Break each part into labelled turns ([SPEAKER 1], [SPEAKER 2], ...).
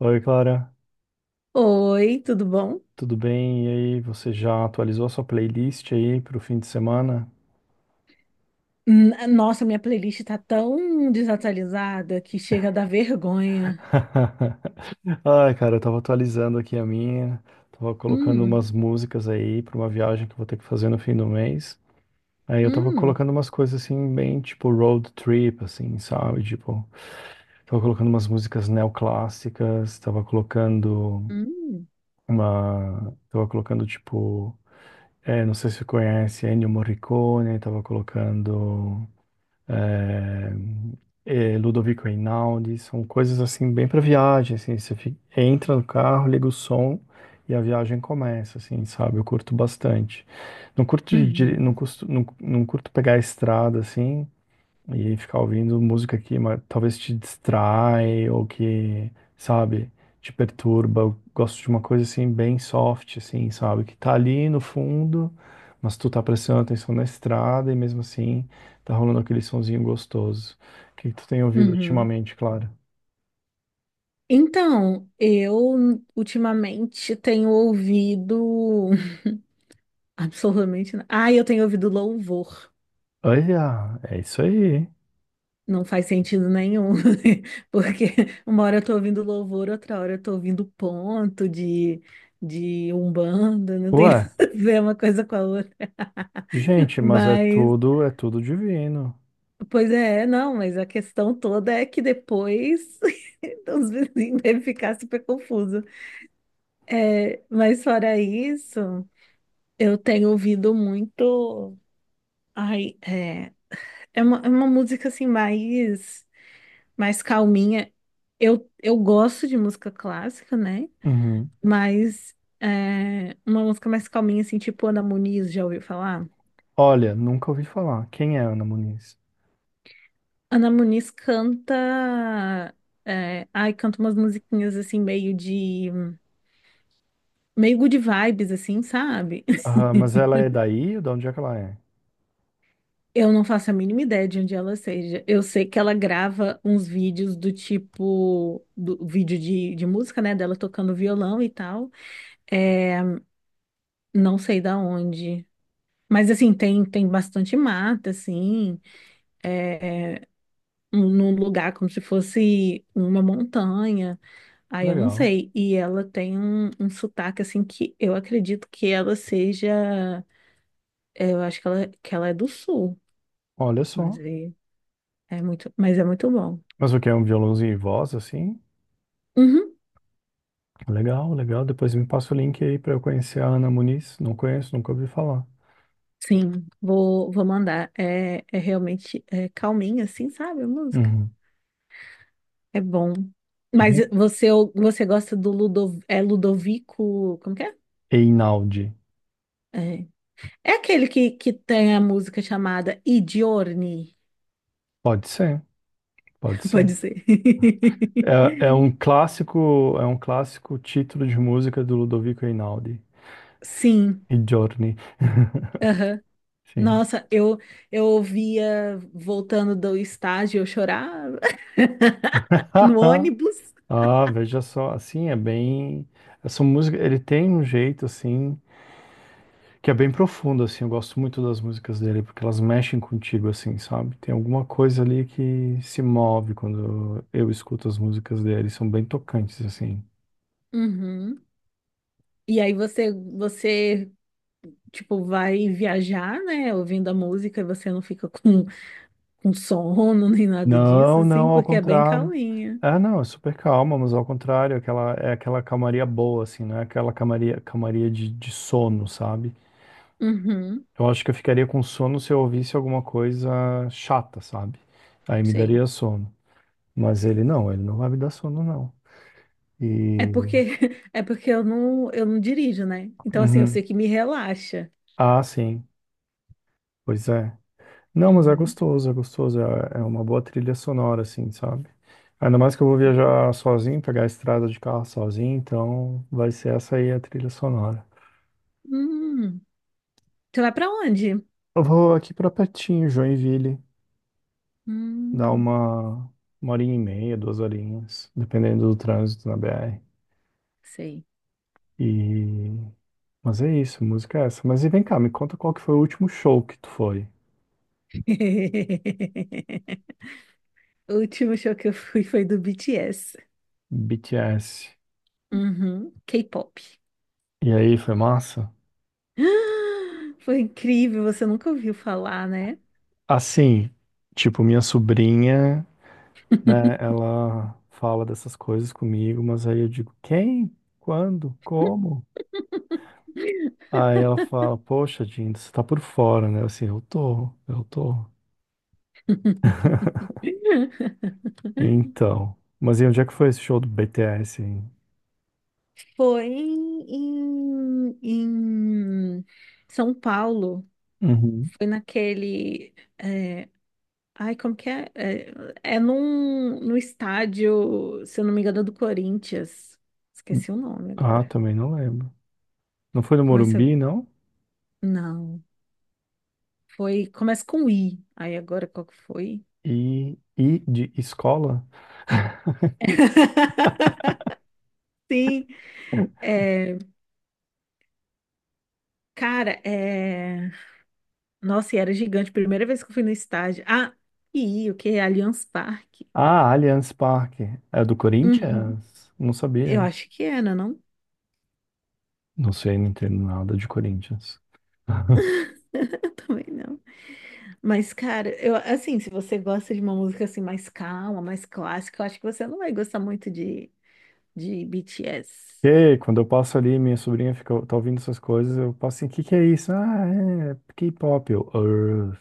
[SPEAKER 1] Oi, Clara,
[SPEAKER 2] Oi, tudo bom?
[SPEAKER 1] tudo bem? E aí, você já atualizou a sua playlist aí pro fim de semana?
[SPEAKER 2] Nossa, minha playlist tá tão desatualizada que chega a dar vergonha.
[SPEAKER 1] Ai, cara, eu tava atualizando aqui a minha, tava colocando
[SPEAKER 2] Hum.
[SPEAKER 1] umas músicas aí pra uma viagem que eu vou ter que fazer no fim do mês. Aí eu tava
[SPEAKER 2] Hum.
[SPEAKER 1] colocando umas coisas assim, bem tipo road trip, assim, sabe? Tipo, tava colocando umas músicas neoclássicas, tava colocando
[SPEAKER 2] Hum.
[SPEAKER 1] uma. Tava colocando tipo. É, não sei se você conhece Ennio Morricone, tava colocando. é, Ludovico Einaudi, são coisas assim bem para viagem, assim, você entra no carro, liga o som e a viagem começa, assim, sabe? Eu curto bastante. Não curto de, dir-
[SPEAKER 2] Uhum.
[SPEAKER 1] não custo- não, não curto pegar a estrada assim, e ficar ouvindo música talvez te distrai ou que, sabe, te perturba. Eu gosto de uma coisa assim, bem soft, assim, sabe, que tá ali no fundo, mas tu tá prestando atenção na estrada e mesmo assim tá rolando aquele sonzinho gostoso. O que que tu tem ouvido
[SPEAKER 2] Uhum.
[SPEAKER 1] ultimamente, claro?
[SPEAKER 2] Então, eu ultimamente tenho ouvido absolutamente nada. Ah, eu tenho ouvido louvor.
[SPEAKER 1] Olha, é isso aí.
[SPEAKER 2] Não faz sentido nenhum, porque uma hora eu tô ouvindo louvor, outra hora eu tô ouvindo ponto de Umbanda, não tem
[SPEAKER 1] Ué,
[SPEAKER 2] nada a ver uma coisa com a outra.
[SPEAKER 1] gente, mas
[SPEAKER 2] Mas
[SPEAKER 1] é tudo divino.
[SPEAKER 2] Pois é, não, mas a questão toda é que depois os vizinhos devem ficar super confusos. É, mas fora isso, eu tenho ouvido muito. Ai, é uma música assim mais calminha. Eu gosto de música clássica, né?
[SPEAKER 1] Uhum.
[SPEAKER 2] Mas uma música mais calminha, assim, tipo Ana Muniz, já ouviu falar?
[SPEAKER 1] Olha, nunca ouvi falar. Quem é Ana Muniz?
[SPEAKER 2] Ana Muniz canta. Ai, canta umas musiquinhas assim, meio de. Meio good vibes, assim, sabe?
[SPEAKER 1] Ah, mas ela é daí? De onde é que ela é?
[SPEAKER 2] Eu não faço a mínima ideia de onde ela seja. Eu sei que ela grava uns vídeos do tipo, do vídeo de música, né? Dela tocando violão e tal. É, não sei da onde. Mas assim, tem bastante mata, assim, é, num lugar como se fosse uma montanha. Aí eu não
[SPEAKER 1] Legal.
[SPEAKER 2] sei. E ela tem um sotaque, assim, que eu acredito que ela seja. Eu acho que ela é do sul.
[SPEAKER 1] Olha
[SPEAKER 2] Mas
[SPEAKER 1] só.
[SPEAKER 2] aí. É muito, mas é muito bom.
[SPEAKER 1] Mas o que é um violãozinho e voz, assim?
[SPEAKER 2] Uhum,
[SPEAKER 1] Legal, legal. Depois me passa o link aí pra eu conhecer a Ana Muniz. Não conheço, nunca ouvi falar.
[SPEAKER 2] sim, vou mandar. É realmente é calminha, assim, sabe? A música.
[SPEAKER 1] Uhum.
[SPEAKER 2] É bom. Mas
[SPEAKER 1] E
[SPEAKER 2] você gosta do Ludovico. Como que é?
[SPEAKER 1] Einaudi.
[SPEAKER 2] É, é aquele que tem a música chamada I Giorni.
[SPEAKER 1] Pode ser, pode ser.
[SPEAKER 2] Pode ser.
[SPEAKER 1] É, é um clássico título de música do Ludovico Einaudi.
[SPEAKER 2] Sim,
[SPEAKER 1] E Giorni.
[SPEAKER 2] aham.
[SPEAKER 1] Sim.
[SPEAKER 2] Nossa, eu ouvia voltando do estágio, eu chorava no ônibus.
[SPEAKER 1] Ah, veja só, assim, é bem. Essa música, ele tem um jeito assim. Que é bem profundo, assim. Eu gosto muito das músicas dele, porque elas mexem contigo, assim, sabe? Tem alguma coisa ali que se move quando eu escuto as músicas dele. São bem tocantes, assim.
[SPEAKER 2] Uhum. E aí você tipo, vai viajar, né, ouvindo a música e você não fica com, com sono nem nada disso,
[SPEAKER 1] Não, não,
[SPEAKER 2] assim,
[SPEAKER 1] ao
[SPEAKER 2] porque é bem
[SPEAKER 1] contrário.
[SPEAKER 2] calminha.
[SPEAKER 1] É, não, é super calma, mas ao contrário, é aquela calmaria boa, assim, não é aquela calmaria, calmaria de sono, sabe?
[SPEAKER 2] Uhum,
[SPEAKER 1] Eu acho que eu ficaria com sono se eu ouvisse alguma coisa chata, sabe? Aí me
[SPEAKER 2] sei.
[SPEAKER 1] daria sono. Mas ele não vai me dar sono, não.
[SPEAKER 2] É
[SPEAKER 1] E.
[SPEAKER 2] porque, é porque eu não dirijo, né? Então, assim, eu sei
[SPEAKER 1] Uhum.
[SPEAKER 2] que me relaxa.
[SPEAKER 1] Ah, sim. Pois é. Não, mas é
[SPEAKER 2] Uhum.
[SPEAKER 1] gostoso, é gostoso. É, é uma boa trilha sonora, assim, sabe? Ainda mais que eu vou viajar sozinho, pegar a estrada de carro sozinho, então vai ser essa aí a trilha sonora.
[SPEAKER 2] Hum, Você vai pra onde?
[SPEAKER 1] Eu vou aqui pra pertinho, Joinville, dar
[SPEAKER 2] Hum,
[SPEAKER 1] uma horinha e meia, duas horinhas, dependendo do trânsito na BR.
[SPEAKER 2] Sei.
[SPEAKER 1] E... Mas é isso, música é essa. Mas e vem cá, me conta qual que foi o último show que tu foi?
[SPEAKER 2] O último show que eu fui foi do BTS.
[SPEAKER 1] BTS.
[SPEAKER 2] Uhum, K-pop.
[SPEAKER 1] E aí, foi massa?
[SPEAKER 2] Foi incrível, você nunca ouviu falar, né?
[SPEAKER 1] Assim, tipo, minha sobrinha, né? Ela fala dessas coisas comigo, mas aí eu digo, quem? Quando? Como? Aí ela fala, poxa, Dinda, você tá por fora, né? Eu, assim, eu tô. Então, mas e onde é que foi esse show do BTS, hein?
[SPEAKER 2] Foi em São Paulo.
[SPEAKER 1] Uhum.
[SPEAKER 2] Foi naquele. é, Ai, como que é? É no estádio, se eu não me engano, é do Corinthians. Esqueci o nome
[SPEAKER 1] Ah,
[SPEAKER 2] agora.
[SPEAKER 1] também não lembro. Não foi no
[SPEAKER 2] Mas
[SPEAKER 1] Morumbi, não?
[SPEAKER 2] não. Foi. Começa com I. Aí agora qual que foi?
[SPEAKER 1] E de escola?
[SPEAKER 2] Sim. É, cara, é. Nossa, e era gigante. Primeira vez que eu fui no estádio. Ah, e o que? Allianz Parque.
[SPEAKER 1] Ah, Allianz Parque. É do
[SPEAKER 2] Uhum.
[SPEAKER 1] Corinthians? Não
[SPEAKER 2] Eu
[SPEAKER 1] sabia.
[SPEAKER 2] acho que era, não?
[SPEAKER 1] Não sei, não entendo nada de Corinthians.
[SPEAKER 2] Também não. Mas, cara, eu assim, se você gosta de uma música assim mais calma, mais clássica, eu acho que você não vai gostar muito de, BTS.
[SPEAKER 1] E aí, quando eu passo ali, minha sobrinha fica, tá ouvindo essas coisas, eu passo assim, o que que é isso? Ah, é K-pop, eu, "Urgh."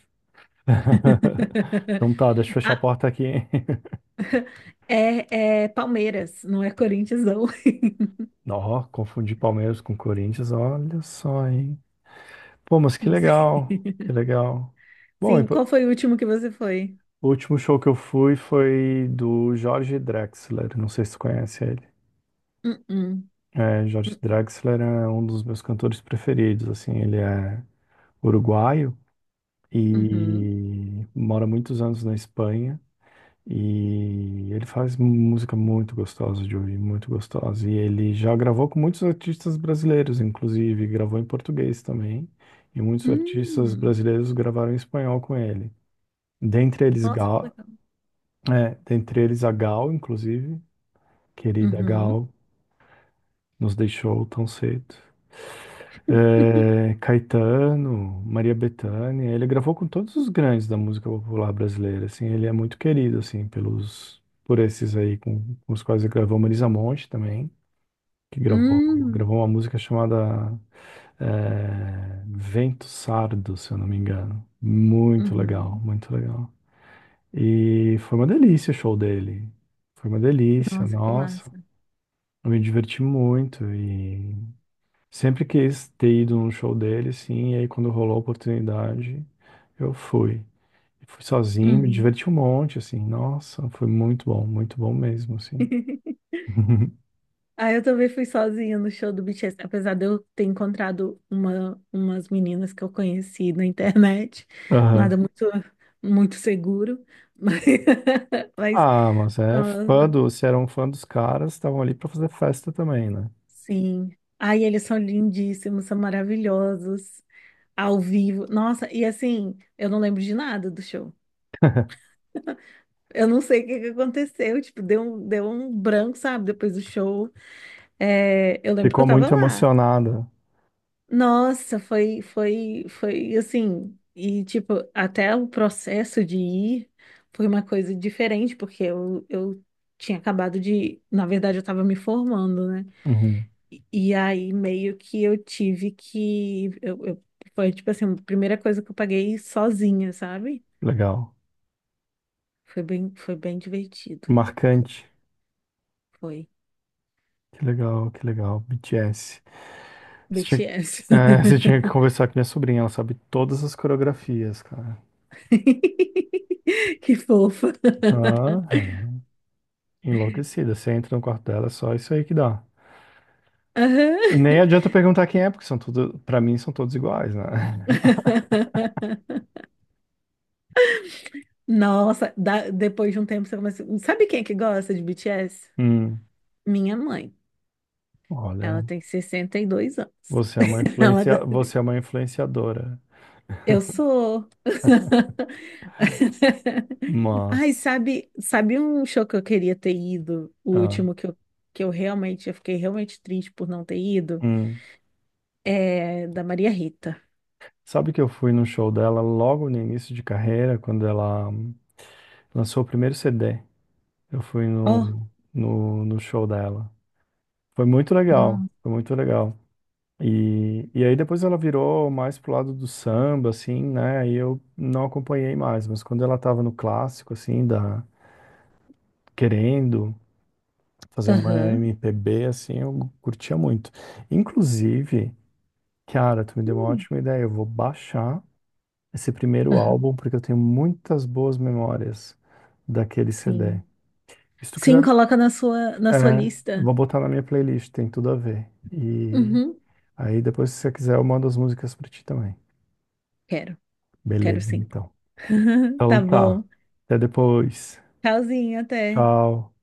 [SPEAKER 1] Então tá, deixa eu fechar a
[SPEAKER 2] Ah,
[SPEAKER 1] porta aqui, hein?
[SPEAKER 2] é Palmeiras, não é Corinthians, não.
[SPEAKER 1] Ó, confundi Palmeiras com Corinthians, olha só, hein? Pô, mas que
[SPEAKER 2] Não sei.
[SPEAKER 1] legal, que legal. Bom,
[SPEAKER 2] Sim, qual foi o último que você foi?
[SPEAKER 1] o último show que eu fui foi do Jorge Drexler, não sei se tu conhece ele.
[SPEAKER 2] Uh-uh.
[SPEAKER 1] É, Jorge
[SPEAKER 2] Uh-uh.
[SPEAKER 1] Drexler é um dos meus cantores preferidos, assim, ele é uruguaio,
[SPEAKER 2] Uhum.
[SPEAKER 1] e mora muitos anos na Espanha. E ele faz música muito gostosa de ouvir, muito gostosa. E ele já gravou com muitos artistas brasileiros, inclusive, gravou em português também. E muitos
[SPEAKER 2] Uhum.
[SPEAKER 1] artistas brasileiros gravaram em espanhol com ele. Dentre eles,
[SPEAKER 2] Nossa, que
[SPEAKER 1] Gal,
[SPEAKER 2] legal.
[SPEAKER 1] é, dentre eles a Gal, inclusive, querida
[SPEAKER 2] Uhum.
[SPEAKER 1] Gal. Nos deixou tão cedo. É, Caetano, Maria Bethânia, ele gravou com todos os grandes da música popular brasileira, assim, ele é muito querido, assim, pelos, por esses aí com os quais ele gravou, Marisa Monte também, que gravou,
[SPEAKER 2] Hum.
[SPEAKER 1] gravou uma música chamada Vento Sardo, se eu não me engano. Muito legal,
[SPEAKER 2] Uhum.
[SPEAKER 1] muito legal. E foi uma delícia o show dele, foi uma delícia,
[SPEAKER 2] Nossa, que
[SPEAKER 1] nossa,
[SPEAKER 2] massa.
[SPEAKER 1] eu me diverti muito e sempre quis ter ido num show dele, sim, e aí quando rolou a oportunidade, eu fui. E fui sozinho, me
[SPEAKER 2] Uhum.
[SPEAKER 1] diverti um monte, assim. Nossa, foi muito bom mesmo, assim.
[SPEAKER 2] Ah, eu também fui sozinha no show do BTS, apesar de eu ter encontrado umas meninas que eu conheci na internet, nada
[SPEAKER 1] Aham.
[SPEAKER 2] muito, muito seguro, mas, mas
[SPEAKER 1] Ah, mas é fã
[SPEAKER 2] nossa,
[SPEAKER 1] do, se era um fã dos caras, estavam ali pra fazer festa também, né?
[SPEAKER 2] sim. Ai, eles são lindíssimos, são maravilhosos, ao vivo. Nossa, e assim, eu não lembro de nada do show. Eu não sei o que que aconteceu, tipo, deu um branco, sabe, depois do show. É, eu lembro que
[SPEAKER 1] Ficou
[SPEAKER 2] eu tava
[SPEAKER 1] muito
[SPEAKER 2] lá.
[SPEAKER 1] emocionada.
[SPEAKER 2] Nossa, foi assim. E, tipo, até o processo de ir foi uma coisa diferente, porque eu tinha acabado de. Na verdade, eu estava me formando, né?
[SPEAKER 1] Uhum.
[SPEAKER 2] E aí, meio que eu tive que. Foi, tipo assim, a primeira coisa que eu paguei sozinha, sabe?
[SPEAKER 1] Legal.
[SPEAKER 2] Foi bem divertido.
[SPEAKER 1] Marcante.
[SPEAKER 2] Foi.
[SPEAKER 1] Que legal, que legal. BTS. Você tinha,
[SPEAKER 2] BTS.
[SPEAKER 1] você tinha que conversar com minha sobrinha, ela sabe todas as coreografias, cara.
[SPEAKER 2] Que fofa.
[SPEAKER 1] Aham. Enlouquecida. Você entra no quarto dela, é só isso aí que dá.
[SPEAKER 2] Aham.
[SPEAKER 1] E nem adianta perguntar quem é, porque são tudo, para mim são todos iguais, né?
[SPEAKER 2] Nossa, depois de um tempo você começa. Sabe quem é que gosta de BTS?
[SPEAKER 1] Hum,
[SPEAKER 2] Minha mãe.
[SPEAKER 1] olha,
[SPEAKER 2] Ela tem 62 anos.
[SPEAKER 1] você é uma
[SPEAKER 2] Ela
[SPEAKER 1] influencia,
[SPEAKER 2] gosta
[SPEAKER 1] você
[SPEAKER 2] de.
[SPEAKER 1] é uma influenciadora,
[SPEAKER 2] Eu sou. Ai,
[SPEAKER 1] mas
[SPEAKER 2] sabe um show que eu queria ter ido? O
[SPEAKER 1] ah,
[SPEAKER 2] último que eu realmente, eu fiquei realmente triste por não ter ido?
[SPEAKER 1] hum.
[SPEAKER 2] É da Maria Rita.
[SPEAKER 1] Sabe que eu fui no show dela logo no início de carreira, quando ela lançou o primeiro CD. Eu fui
[SPEAKER 2] Oh,
[SPEAKER 1] no, no, no show dela. Foi muito legal,
[SPEAKER 2] não.
[SPEAKER 1] foi muito legal. E aí depois ela virou mais pro lado do samba, assim, né? E eu não acompanhei mais, mas quando ela tava no clássico, assim, da, querendo fazer uma
[SPEAKER 2] Aham.
[SPEAKER 1] MPB, assim, eu curtia muito. Inclusive, cara, tu me deu uma
[SPEAKER 2] Hum.
[SPEAKER 1] ótima ideia, eu vou baixar esse primeiro
[SPEAKER 2] Aham.
[SPEAKER 1] álbum, porque eu tenho muitas boas memórias daquele CD.
[SPEAKER 2] Sim.
[SPEAKER 1] E se tu
[SPEAKER 2] Sim,
[SPEAKER 1] quiser,
[SPEAKER 2] coloca na sua
[SPEAKER 1] é, eu
[SPEAKER 2] lista.
[SPEAKER 1] vou botar na minha playlist, tem tudo a ver. E
[SPEAKER 2] Uhum.
[SPEAKER 1] aí depois, se você quiser, eu mando as músicas pra ti também.
[SPEAKER 2] Quero, quero
[SPEAKER 1] Beleza,
[SPEAKER 2] sim.
[SPEAKER 1] então. Então
[SPEAKER 2] Tá bom.
[SPEAKER 1] tá. Até depois.
[SPEAKER 2] Tchauzinho, até.
[SPEAKER 1] Tchau.